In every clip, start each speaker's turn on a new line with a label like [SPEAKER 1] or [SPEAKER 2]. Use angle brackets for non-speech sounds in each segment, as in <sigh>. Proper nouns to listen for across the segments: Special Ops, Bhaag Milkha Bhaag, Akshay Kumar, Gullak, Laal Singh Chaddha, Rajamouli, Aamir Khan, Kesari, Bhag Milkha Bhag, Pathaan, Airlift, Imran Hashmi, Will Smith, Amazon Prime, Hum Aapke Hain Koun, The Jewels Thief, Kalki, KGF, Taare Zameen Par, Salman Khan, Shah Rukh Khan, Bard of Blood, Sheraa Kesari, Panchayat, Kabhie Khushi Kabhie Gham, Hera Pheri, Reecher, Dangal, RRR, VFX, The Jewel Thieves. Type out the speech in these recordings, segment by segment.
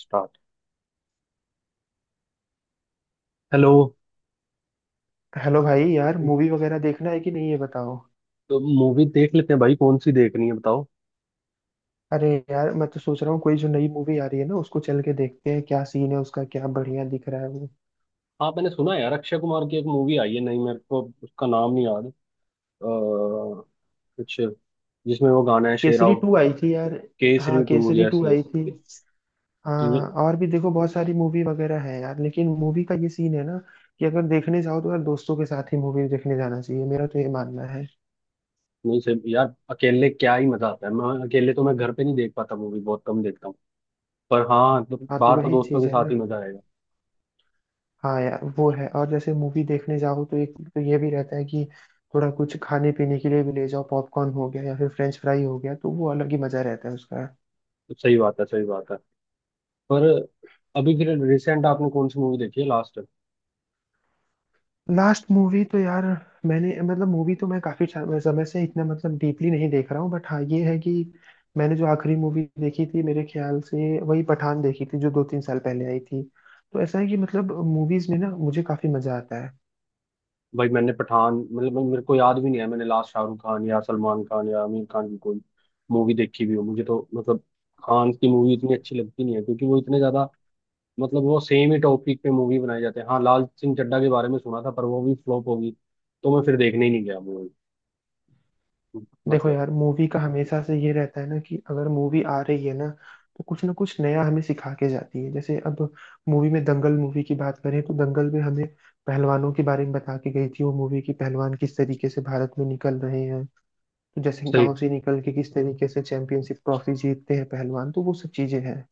[SPEAKER 1] Start. Hello.
[SPEAKER 2] Hello भाई यार, movie वगैरह देखना है कि नहीं ये बताओ।
[SPEAKER 1] तो मूवी देख लेते हैं भाई, कौन सी देखनी है बताओ।
[SPEAKER 2] अरे यार, मैं तो सोच रहा हूँ कोई जो नई मूवी आ रही है ना उसको चल के देखते हैं, क्या सीन है उसका, क्या बढ़िया दिख रहा है वो।
[SPEAKER 1] हाँ, मैंने सुना है यार, अक्षय कुमार की एक मूवी आई है। नहीं, मेरे को उसका नाम नहीं याद। कुछ जिसमें वो गाना है
[SPEAKER 2] केसरी
[SPEAKER 1] शेराव।
[SPEAKER 2] टू आई थी यार।
[SPEAKER 1] केसरी
[SPEAKER 2] हाँ,
[SPEAKER 1] टू
[SPEAKER 2] केसरी
[SPEAKER 1] यस
[SPEAKER 2] टू आई
[SPEAKER 1] यस।
[SPEAKER 2] थी।
[SPEAKER 1] नहीं
[SPEAKER 2] हाँ, और भी देखो बहुत सारी मूवी वगैरह है यार, लेकिन मूवी का ये सीन है ना कि अगर देखने जाओ तो यार दोस्तों के साथ ही मूवी देखने जाना चाहिए, मेरा तो ये मानना है।
[SPEAKER 1] नहीं सर, यार अकेले क्या ही मजा आता है, मैं अकेले तो मैं घर पे नहीं देख पाता, मूवी बहुत कम देखता हूँ। पर हाँ, तो
[SPEAKER 2] हाँ तो
[SPEAKER 1] बाहर तो
[SPEAKER 2] वही
[SPEAKER 1] दोस्तों
[SPEAKER 2] चीज
[SPEAKER 1] के
[SPEAKER 2] है
[SPEAKER 1] साथ
[SPEAKER 2] ना।
[SPEAKER 1] ही मजा आएगा।
[SPEAKER 2] हाँ यार वो है, और जैसे मूवी देखने जाओ तो एक तो ये भी रहता है कि थोड़ा कुछ खाने पीने के लिए भी ले जाओ, पॉपकॉर्न हो गया या फिर फ्रेंच फ्राई हो गया, तो वो अलग ही मजा रहता है उसका।
[SPEAKER 1] तो सही बात है, सही बात है। पर अभी फिर रिसेंट आपने कौन सी मूवी देखी है लास्ट?
[SPEAKER 2] लास्ट मूवी तो यार, मैंने मूवी तो मैं काफी समय से इतना डीपली नहीं देख रहा हूँ, बट हाँ ये है कि मैंने जो आखिरी मूवी देखी थी मेरे ख्याल से वही पठान देखी थी, जो दो तीन साल पहले आई थी। तो ऐसा है कि मूवीज में ना मुझे काफी मजा आता है।
[SPEAKER 1] भाई, मैंने पठान, मतलब मेरे को याद भी नहीं है मैंने लास्ट शाहरुख खान या सलमान खान या आमिर खान की कोई मूवी देखी भी हो। मुझे तो मतलब खान की मूवी इतनी अच्छी लगती नहीं है, क्योंकि वो इतने ज्यादा मतलब वो सेम ही टॉपिक पे मूवी बनाए जाते हैं। हाँ, लाल सिंह चड्ढा के बारे में सुना था, पर वो भी फ्लॉप होगी तो मैं फिर देखने ही नहीं गया मूवी।
[SPEAKER 2] देखो
[SPEAKER 1] मतलब
[SPEAKER 2] यार, मूवी का हमेशा से ये रहता है ना कि अगर मूवी आ रही है ना तो कुछ ना कुछ नया हमें सिखा के जाती है। जैसे अब मूवी में दंगल मूवी की बात करें तो दंगल में हमें पहलवानों के बारे में बता के गई थी वो मूवी की पहलवान किस तरीके से भारत में निकल रहे हैं, तो जैसे
[SPEAKER 1] सही।
[SPEAKER 2] गांव से निकल के किस तरीके से चैंपियनशिप ट्रॉफी जीतते हैं पहलवान, तो वो सब चीजें हैं।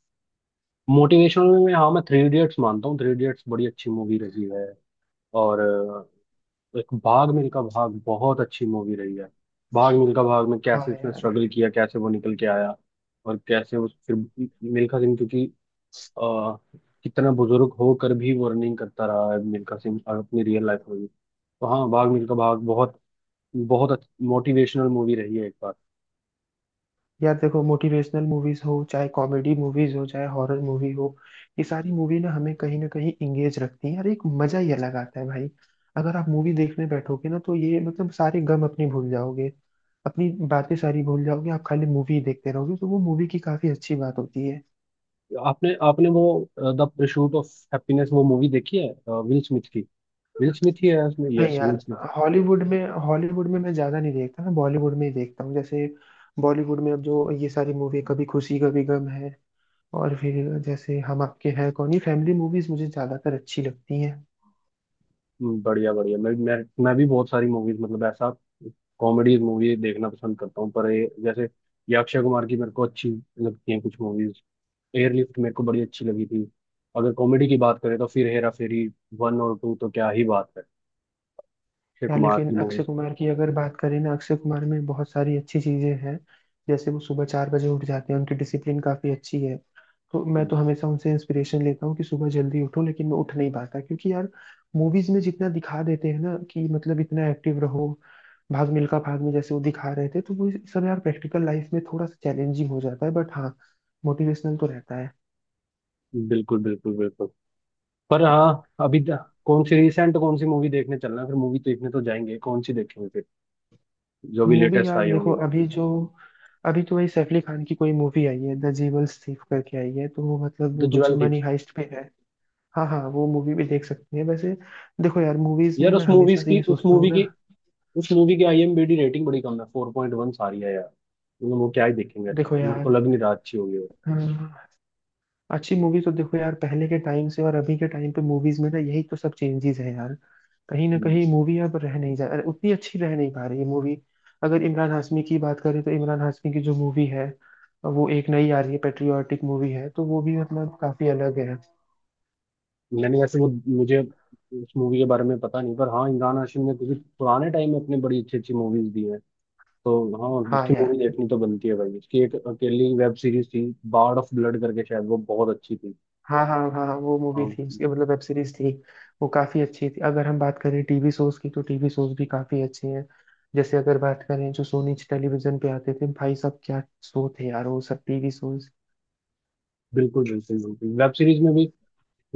[SPEAKER 1] मोटिवेशनल में हाँ, मैं 3 इडियट्स मानता हूँ, 3 इडियट्स बड़ी अच्छी मूवी रही है। और एक भाग मिल्खा भाग बहुत अच्छी मूवी रही है। भाग मिल्खा भाग में
[SPEAKER 2] हाँ
[SPEAKER 1] कैसे उसने
[SPEAKER 2] यार।
[SPEAKER 1] स्ट्रगल किया, कैसे वो निकल के आया, और कैसे उस फिर मिल्खा सिंह, क्योंकि आ, कितना बुजुर्ग होकर भी वो रनिंग करता रहा है मिल्खा सिंह, और अपनी रियल लाइफ में भी। तो हाँ, भाग मिल्खा भाग बहुत बहुत मोटिवेशनल मूवी रही है एक बार।
[SPEAKER 2] यार देखो, मोटिवेशनल मूवीज हो चाहे कॉमेडी मूवीज हो चाहे हॉरर मूवी हो, ये सारी मूवी ना हमें कहीं ना कहीं इंगेज रखती है यार, एक मजा ही अलग आता है भाई। अगर आप मूवी देखने बैठोगे ना तो ये सारे गम अपने भूल जाओगे, अपनी बातें सारी भूल जाओगे, आप खाली मूवी देखते रहोगे, तो वो मूवी की काफी अच्छी बात होती है।
[SPEAKER 1] आपने आपने वो द परसूट ऑफ हैप्पीनेस वो मूवी देखी है, विल स्मिथ की? विल स्मिथ ही है उसमें,
[SPEAKER 2] नहीं
[SPEAKER 1] यस विल।
[SPEAKER 2] यार, हॉलीवुड में मैं ज्यादा नहीं देखता, मैं बॉलीवुड में ही देखता हूँ। जैसे बॉलीवुड में अब जो ये सारी मूवी कभी खुशी कभी गम है और फिर जैसे हम आपके हैं कौन, ये फैमिली मूवीज मुझे ज्यादातर अच्छी लगती हैं।
[SPEAKER 1] बढ़िया बढ़िया। मैं भी बहुत सारी मूवीज, मतलब ऐसा कॉमेडी मूवी देखना पसंद करता हूँ। पर ये जैसे ये अक्षय कुमार की मेरे को अच्छी लगती हैं कुछ मूवीज। एयरलिफ्ट मेरे को बड़ी अच्छी लगी थी। अगर कॉमेडी की बात करें तो फिर हेरा फेरी 1 और 2 तो क्या ही बात है, अक्षय
[SPEAKER 2] यार
[SPEAKER 1] कुमार
[SPEAKER 2] लेकिन
[SPEAKER 1] की
[SPEAKER 2] अक्षय
[SPEAKER 1] मूवीज।
[SPEAKER 2] कुमार की अगर बात करें ना, अक्षय कुमार में बहुत सारी अच्छी चीजें हैं। जैसे वो सुबह चार बजे उठ जाते हैं, उनकी डिसिप्लिन काफी अच्छी है, तो मैं तो हमेशा उनसे इंस्पिरेशन लेता हूँ कि सुबह जल्दी उठो, लेकिन मैं उठ नहीं पाता क्योंकि यार मूवीज में जितना दिखा देते हैं ना कि इतना एक्टिव रहो, भाग मिल्खा भाग में जैसे वो दिखा रहे थे, तो वो सब यार प्रैक्टिकल लाइफ में थोड़ा सा चैलेंजिंग हो जाता है, बट हाँ मोटिवेशनल तो रहता है।
[SPEAKER 1] बिल्कुल बिल्कुल बिल्कुल। पर हाँ, अभी कौन सी मूवी देखने चलना है? फिर मूवी देखने तो जाएंगे, कौन सी देखेंगे फिर, जो भी
[SPEAKER 2] मूवी
[SPEAKER 1] लेटेस्ट
[SPEAKER 2] यार
[SPEAKER 1] आई
[SPEAKER 2] देखो,
[SPEAKER 1] होंगी।
[SPEAKER 2] अभी तो वही सैफ अली खान की कोई मूवी आई है द जीवल्स थीफ करके आई है, तो वो
[SPEAKER 1] द
[SPEAKER 2] वो कुछ
[SPEAKER 1] ज्वेल
[SPEAKER 2] मनी
[SPEAKER 1] थीव्स।
[SPEAKER 2] हाइस्ट पे है। हाँ हाँ, वो मूवी भी देख सकते हैं वैसे। देखो यार मूवीज में
[SPEAKER 1] यार
[SPEAKER 2] मैं हमेशा से ये सोचता हूँ ना,
[SPEAKER 1] उस मूवी की आईएमबी रेटिंग बड़ी कम है, 4.1 सारी है यार। मतलब वो क्या ही देखेंगे,
[SPEAKER 2] देखो
[SPEAKER 1] मेरे को
[SPEAKER 2] यार,
[SPEAKER 1] लग नहीं रहा अच्छी होगी वो।
[SPEAKER 2] हाँ, अच्छी मूवी तो देखो यार, पहले के टाइम से और अभी के टाइम पे मूवीज में ना यही तो सब चेंजेस है यार, कहीं ना
[SPEAKER 1] हम्म।
[SPEAKER 2] कहीं मूवी अब रह नहीं जा उतनी अच्छी रह नहीं पा रही है मूवी। अगर इमरान हाशमी की बात करें तो इमरान हाशमी की जो मूवी है वो एक नई आ रही है पेट्रियाटिक मूवी है, तो वो भी काफी अलग है।
[SPEAKER 1] मैंने वैसे वो, मुझे उस मूवी के बारे में पता नहीं, पर हाँ, इमरान हाशमी ने क्योंकि पुराने टाइम में अपनी बड़ी अच्छी अच्छी मूवीज दी हैं तो। हाँ,
[SPEAKER 2] हाँ
[SPEAKER 1] उसकी
[SPEAKER 2] यार।
[SPEAKER 1] मूवी देखनी तो बनती है भाई। उसकी एक अकेली वेब सीरीज थी, बार्ड ऑफ ब्लड करके, शायद वो बहुत अच्छी थी।
[SPEAKER 2] हाँ हाँ हाँ हाँ, वो मूवी थी
[SPEAKER 1] हाँ।
[SPEAKER 2] उसके वेब सीरीज थी। वो काफी अच्छी थी। अगर हम बात करें टीवी शोज की तो टीवी शोज भी काफी अच्छे हैं, जैसे अगर बात करें जो सोनी टेलीविजन पे आते थे, भाई साहब क्या शो थे यार वो सब टीवी शोज।
[SPEAKER 1] बिल्कुल बिल्कुल बिल्कुल। वेब सीरीज में भी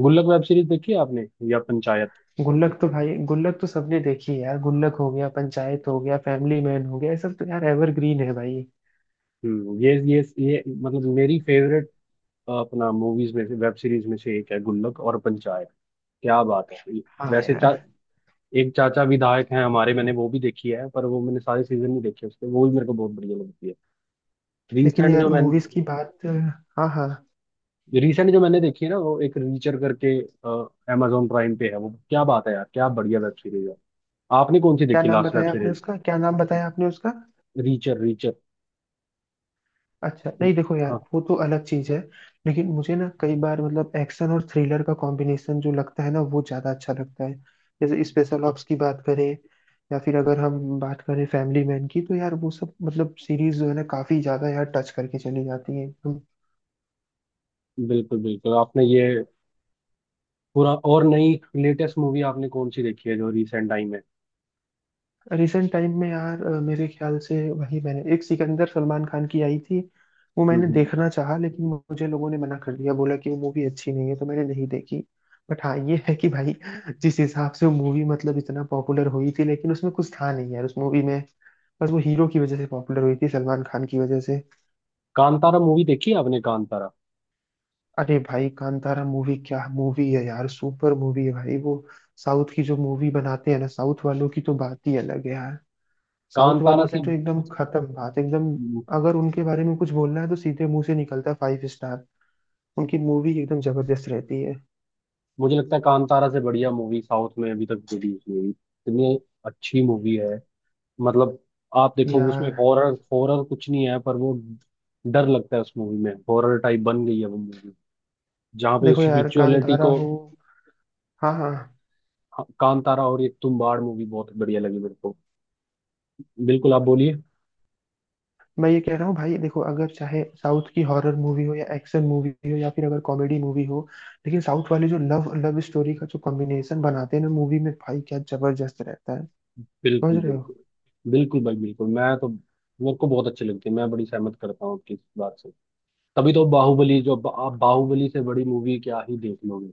[SPEAKER 1] गुल्लक वेब सीरीज देखी है आपने, या पंचायत?
[SPEAKER 2] गुल्लक तो भाई, गुल्लक तो सबने देखी है यार, गुल्लक हो गया, पंचायत हो गया, फैमिली मैन हो गया, ये सब तो यार एवरग्रीन है भाई।
[SPEAKER 1] ये मतलब मेरी फेवरेट अपना मूवीज में से, वेब सीरीज में से एक है गुल्लक और पंचायत। क्या बात है।
[SPEAKER 2] हाँ
[SPEAKER 1] वैसे
[SPEAKER 2] यार।
[SPEAKER 1] एक चाचा विधायक हैं हमारे, मैंने वो भी देखी है। पर वो मैंने सारे सीजन नहीं देखे उसके, वो भी मेरे को बहुत बढ़िया लगती है।
[SPEAKER 2] लेकिन
[SPEAKER 1] रिसेंट जो
[SPEAKER 2] यार
[SPEAKER 1] मैंने
[SPEAKER 2] मूवीज की बात, हाँ हाँ,
[SPEAKER 1] रिसेंट जो मैंने देखी है ना, वो एक रीचर करके, अमेजोन प्राइम पे है वो। क्या बात है यार, क्या बढ़िया वेब सीरीज है। आपने कौन सी
[SPEAKER 2] क्या
[SPEAKER 1] देखी
[SPEAKER 2] नाम
[SPEAKER 1] लास्ट वेब
[SPEAKER 2] बताया आपने
[SPEAKER 1] सीरीज?
[SPEAKER 2] उसका, क्या नाम बताया आपने उसका?
[SPEAKER 1] Richer, richer.
[SPEAKER 2] अच्छा, नहीं देखो यार
[SPEAKER 1] हाँ।
[SPEAKER 2] वो तो अलग चीज है। लेकिन मुझे ना कई बार एक्शन और थ्रिलर का कॉम्बिनेशन जो लगता है ना वो ज्यादा अच्छा लगता है। जैसे स्पेशल ऑप्स की बात करें या फिर अगर हम बात करें फैमिली मैन की, तो यार वो सब सीरीज जो है ना काफी ज्यादा यार टच करके चली जाती है।
[SPEAKER 1] बिल्कुल बिल्कुल, आपने ये पूरा और नई लेटेस्ट मूवी आपने कौन सी देखी है जो रिसेंट टाइम
[SPEAKER 2] रिसेंट टाइम में यार मेरे ख्याल से वही मैंने एक सिकंदर सलमान खान की आई थी, वो मैंने
[SPEAKER 1] में?
[SPEAKER 2] देखना चाहा लेकिन मुझे लोगों ने मना कर दिया, बोला कि वो मूवी अच्छी नहीं है, तो मैंने नहीं देखी। बट हाँ ये है कि भाई जिस हिसाब से वो मूवी इतना पॉपुलर हुई थी, लेकिन उसमें कुछ था नहीं यार उस मूवी में, बस वो हीरो की वजह से पॉपुलर हुई थी, सलमान खान की वजह से।
[SPEAKER 1] कांतारा मूवी देखी है आपने, कांतारा?
[SPEAKER 2] अरे भाई, कांतारा मूवी क्या मूवी है यार, सुपर मूवी है भाई वो। साउथ की जो मूवी बनाते हैं ना, साउथ वालों की तो बात ही अलग है यार। साउथ
[SPEAKER 1] कांतारा
[SPEAKER 2] वालों
[SPEAKER 1] से,
[SPEAKER 2] की तो एकदम खत्म बात, एकदम, अगर उनके बारे में कुछ बोलना है तो सीधे मुंह से निकलता है फाइव स्टार। उनकी मूवी एकदम जबरदस्त रहती है
[SPEAKER 1] मुझे लगता है कांतारा से बढ़िया मूवी साउथ में अभी तक रिलीज हुई है। इतनी अच्छी मूवी है। मतलब आप देखो, उसमें
[SPEAKER 2] यार।
[SPEAKER 1] हॉरर, हॉरर कुछ नहीं है, पर वो डर लगता है उस मूवी में, हॉरर टाइप बन गई है वो मूवी, जहाँ पे
[SPEAKER 2] देखो
[SPEAKER 1] उस
[SPEAKER 2] यार
[SPEAKER 1] विजुअलिटी
[SPEAKER 2] कांतारा
[SPEAKER 1] को।
[SPEAKER 2] हो हाँ हाँ,
[SPEAKER 1] हाँ, कांतारा और ये तुम बाड़ मूवी बहुत बढ़िया लगी मेरे को। बिल्कुल, आप बोलिए।
[SPEAKER 2] मैं ये कह रहा हूँ भाई देखो, अगर चाहे साउथ की हॉरर मूवी हो या एक्शन मूवी हो या फिर अगर कॉमेडी मूवी हो, लेकिन साउथ वाले जो लव लव स्टोरी का जो कॉम्बिनेशन बनाते हैं ना मूवी में, भाई क्या जबरदस्त रहता है, समझ
[SPEAKER 1] बिल्कुल
[SPEAKER 2] रहे हो।
[SPEAKER 1] बिल्कुल बिल्कुल भाई बिल्कुल, मैं तो मेरे को बहुत अच्छी लगती है। मैं बड़ी सहमत करता हूँ आपकी इस बात से। तभी तो बाहुबली, जो आप बाहुबली से बड़ी मूवी क्या ही देख लोगे।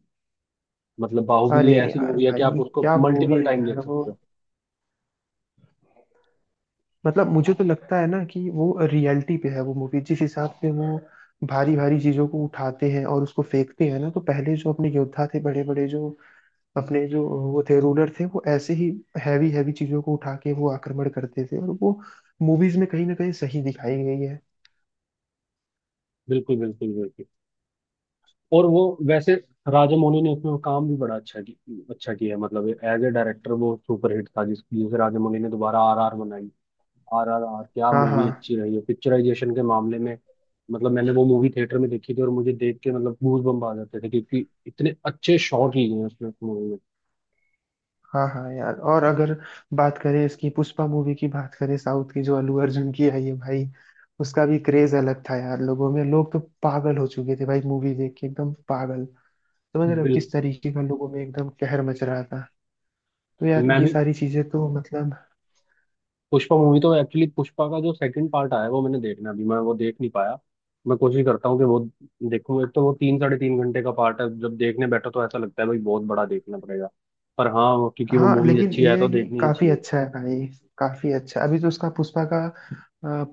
[SPEAKER 1] मतलब बाहुबली
[SPEAKER 2] अरे
[SPEAKER 1] ऐसी
[SPEAKER 2] यार
[SPEAKER 1] मूवी है कि आप
[SPEAKER 2] भाई
[SPEAKER 1] उसको
[SPEAKER 2] क्या मूवी
[SPEAKER 1] मल्टीपल
[SPEAKER 2] है
[SPEAKER 1] टाइम
[SPEAKER 2] यार
[SPEAKER 1] देख
[SPEAKER 2] वो,
[SPEAKER 1] सकते हो।
[SPEAKER 2] मुझे तो लगता है ना कि वो रियलिटी पे है वो मूवी, जिस हिसाब से वो भारी भारी चीजों को उठाते हैं और उसको फेंकते हैं ना, तो पहले जो अपने योद्धा थे बड़े बड़े, जो अपने जो वो थे रूलर थे, वो ऐसे ही हैवी हैवी चीजों को उठा के वो आक्रमण करते थे, और वो मूवीज में कहीं ना कहीं सही दिखाई गई है।
[SPEAKER 1] बिल्कुल बिल्कुल बिल्कुल। और वो वैसे राजामौली ने उसमें काम भी बड़ा अच्छा अच्छा किया है, मतलब एज ए डायरेक्टर वो सुपरहिट था, जिसे राजामौली ने दोबारा आरआर बनाई। आरआरआर क्या
[SPEAKER 2] हाँ हाँ
[SPEAKER 1] मूवी अच्छी रही है पिक्चराइजेशन के मामले में। मतलब मैंने वो मूवी थिएटर में देखी थी और मुझे देख के, मतलब गूज बम्प आ जाते थे, क्योंकि इतने अच्छे शॉट लिए हैं उसमें, मूवी में।
[SPEAKER 2] हाँ। हाँ यार, और अगर बात करें इसकी पुष्पा मूवी की बात करें, साउथ की जो अल्लू अर्जुन की आई है भाई, उसका भी क्रेज अलग था यार लोगों में, लोग तो पागल हो चुके थे भाई, मूवी देख के एकदम पागल, समझ रहे हो
[SPEAKER 1] बिल्कुल।
[SPEAKER 2] किस तरीके का लोगों में एकदम कहर मच रहा था। तो यार
[SPEAKER 1] मैं
[SPEAKER 2] ये
[SPEAKER 1] भी
[SPEAKER 2] सारी चीजें तो
[SPEAKER 1] पुष्पा मूवी तो, एक्चुअली पुष्पा का जो सेकंड पार्ट आया है वो मैंने देखना है, अभी मैं वो देख नहीं पाया। मैं कोशिश करता हूँ कि वो देखूँ। एक तो वो 3 साढ़े 3 घंटे का पार्ट है, जब देखने बैठो तो ऐसा लगता है भाई बहुत बड़ा देखना पड़ेगा। पर हाँ, क्योंकि वो
[SPEAKER 2] हाँ
[SPEAKER 1] मूवी
[SPEAKER 2] लेकिन
[SPEAKER 1] अच्छी है
[SPEAKER 2] ये
[SPEAKER 1] तो
[SPEAKER 2] है कि
[SPEAKER 1] देखनी ही
[SPEAKER 2] काफी
[SPEAKER 1] चाहिए।
[SPEAKER 2] अच्छा है भाई, काफी अच्छा। अभी तो उसका पुष्पा का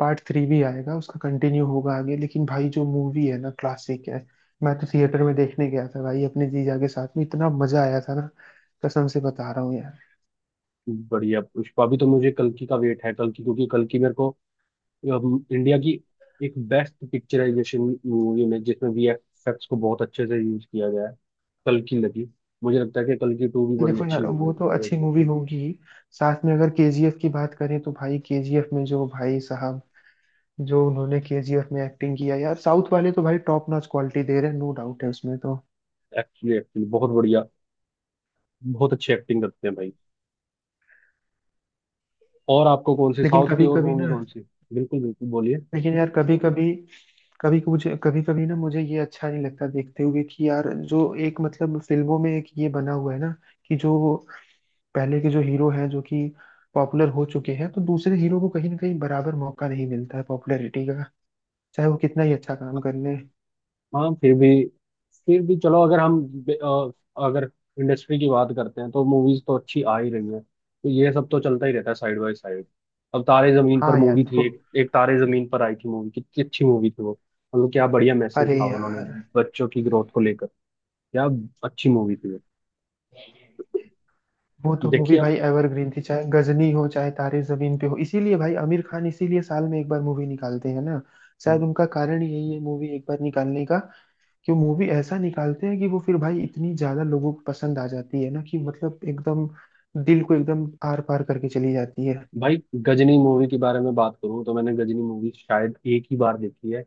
[SPEAKER 2] पार्ट थ्री भी आएगा, उसका कंटिन्यू होगा आगे, लेकिन भाई जो मूवी है ना क्लासिक है। मैं तो थिएटर में देखने गया था भाई अपने जीजा के साथ में, इतना मजा आया था ना, कसम से बता रहा हूँ यार।
[SPEAKER 1] बढ़िया, पुष्पा भी। तो मुझे कल्कि का वेट है, कल्कि क्योंकि कल्कि मेरे को इंडिया की एक बेस्ट पिक्चराइजेशन मूवी में, जिसमें वीएफएक्स को बहुत अच्छे से यूज किया गया है, कल्कि लगी। मुझे लगता है कि कल्कि 2 भी बड़ी
[SPEAKER 2] देखो
[SPEAKER 1] अच्छी
[SPEAKER 2] यार,
[SPEAKER 1] होगी।
[SPEAKER 2] वो तो अच्छी मूवी होगी। साथ में अगर केजीएफ की बात करें तो भाई केजीएफ में जो भाई साहब, जो उन्होंने केजीएफ में एक्टिंग किया यार, साउथ वाले तो भाई टॉप नॉच क्वालिटी दे रहे हैं, नो डाउट है उसमें तो।
[SPEAKER 1] एक्चुअली एक्चुअली बहुत बढ़िया, बहुत अच्छी एक्टिंग करते हैं भाई। और आपको कौन सी
[SPEAKER 2] लेकिन
[SPEAKER 1] साउथ की,
[SPEAKER 2] कभी
[SPEAKER 1] और
[SPEAKER 2] कभी
[SPEAKER 1] मूवी
[SPEAKER 2] ना
[SPEAKER 1] कौन सी? बिल्कुल बिल्कुल, बोलिए।
[SPEAKER 2] लेकिन यार कभी कभी कभी मुझे कभी कभी ना मुझे ये अच्छा नहीं लगता देखते हुए कि यार जो एक फिल्मों में एक ये बना हुआ है ना कि जो पहले के जो हीरो हैं जो कि पॉपुलर हो चुके हैं, तो दूसरे हीरो को कहीं ना कहीं बराबर मौका नहीं मिलता है पॉपुलैरिटी का, चाहे वो कितना ही अच्छा काम कर ले।
[SPEAKER 1] हाँ, फिर भी, फिर भी चलो। अगर हम बे- अ, अगर इंडस्ट्री की बात करते हैं तो मूवीज तो अच्छी आ ही रही हैं, तो ये सब तो चलता ही रहता है साइड बाय साइड। अब तारे जमीन पर
[SPEAKER 2] हाँ यार
[SPEAKER 1] मूवी थी,
[SPEAKER 2] देखो,
[SPEAKER 1] एक एक तारे जमीन पर आई थी मूवी। कितनी अच्छी मूवी थी वो। मतलब क्या बढ़िया मैसेज
[SPEAKER 2] अरे
[SPEAKER 1] था उन्होंने
[SPEAKER 2] यार
[SPEAKER 1] बच्चों की ग्रोथ को लेकर। क्या अच्छी मूवी थी वो।
[SPEAKER 2] वो तो मूवी
[SPEAKER 1] देखिए
[SPEAKER 2] भाई एवरग्रीन थी, चाहे गजनी हो चाहे तारे जमीन पे हो, इसीलिए भाई आमिर खान इसीलिए साल में एक बार मूवी निकालते हैं ना, शायद
[SPEAKER 1] आप
[SPEAKER 2] उनका कारण यही है मूवी एक बार निकालने का, कि वो मूवी ऐसा निकालते हैं कि वो फिर भाई इतनी ज्यादा लोगों को पसंद आ जाती है ना कि एकदम दिल को एकदम आर पार करके चली जाती है।
[SPEAKER 1] भाई, गजनी मूवी के बारे में बात करूं तो मैंने गजनी मूवी शायद एक ही बार देखी है।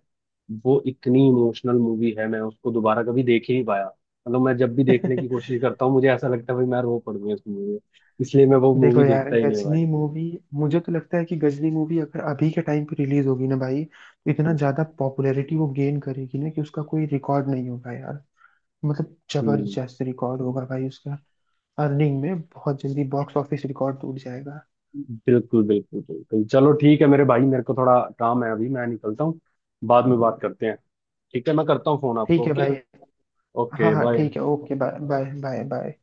[SPEAKER 1] वो इतनी इमोशनल मूवी है, मैं उसको दोबारा कभी देख ही नहीं पाया। मतलब मैं जब भी देखने की कोशिश
[SPEAKER 2] <laughs>
[SPEAKER 1] करता हूँ मुझे ऐसा लगता है भाई, मैं रो पड़ूंगा इस मूवी में। इसलिए मैं वो
[SPEAKER 2] देखो
[SPEAKER 1] मूवी
[SPEAKER 2] यार
[SPEAKER 1] देखता ही नहीं भाई।
[SPEAKER 2] गजनी मूवी, मुझे तो लगता है कि गजनी मूवी अगर अभी के टाइम पे रिलीज होगी ना भाई, तो इतना ज्यादा पॉपुलैरिटी वो गेन करेगी ना कि उसका कोई रिकॉर्ड नहीं होगा यार,
[SPEAKER 1] हम्म
[SPEAKER 2] जबरदस्त रिकॉर्ड होगा भाई उसका। अर्निंग में बहुत जल्दी बॉक्स ऑफिस रिकॉर्ड टूट जाएगा।
[SPEAKER 1] बिल्कुल बिल्कुल बिल्कुल, चलो ठीक है मेरे भाई, मेरे को थोड़ा काम है अभी, मैं निकलता हूँ। बाद में बात करते हैं। ठीक है, मैं करता हूँ फोन आपको।
[SPEAKER 2] ठीक है
[SPEAKER 1] ओके।
[SPEAKER 2] भाई। हाँ
[SPEAKER 1] ओके
[SPEAKER 2] हाँ
[SPEAKER 1] बाय।
[SPEAKER 2] ठीक है, okay bye bye bye bye.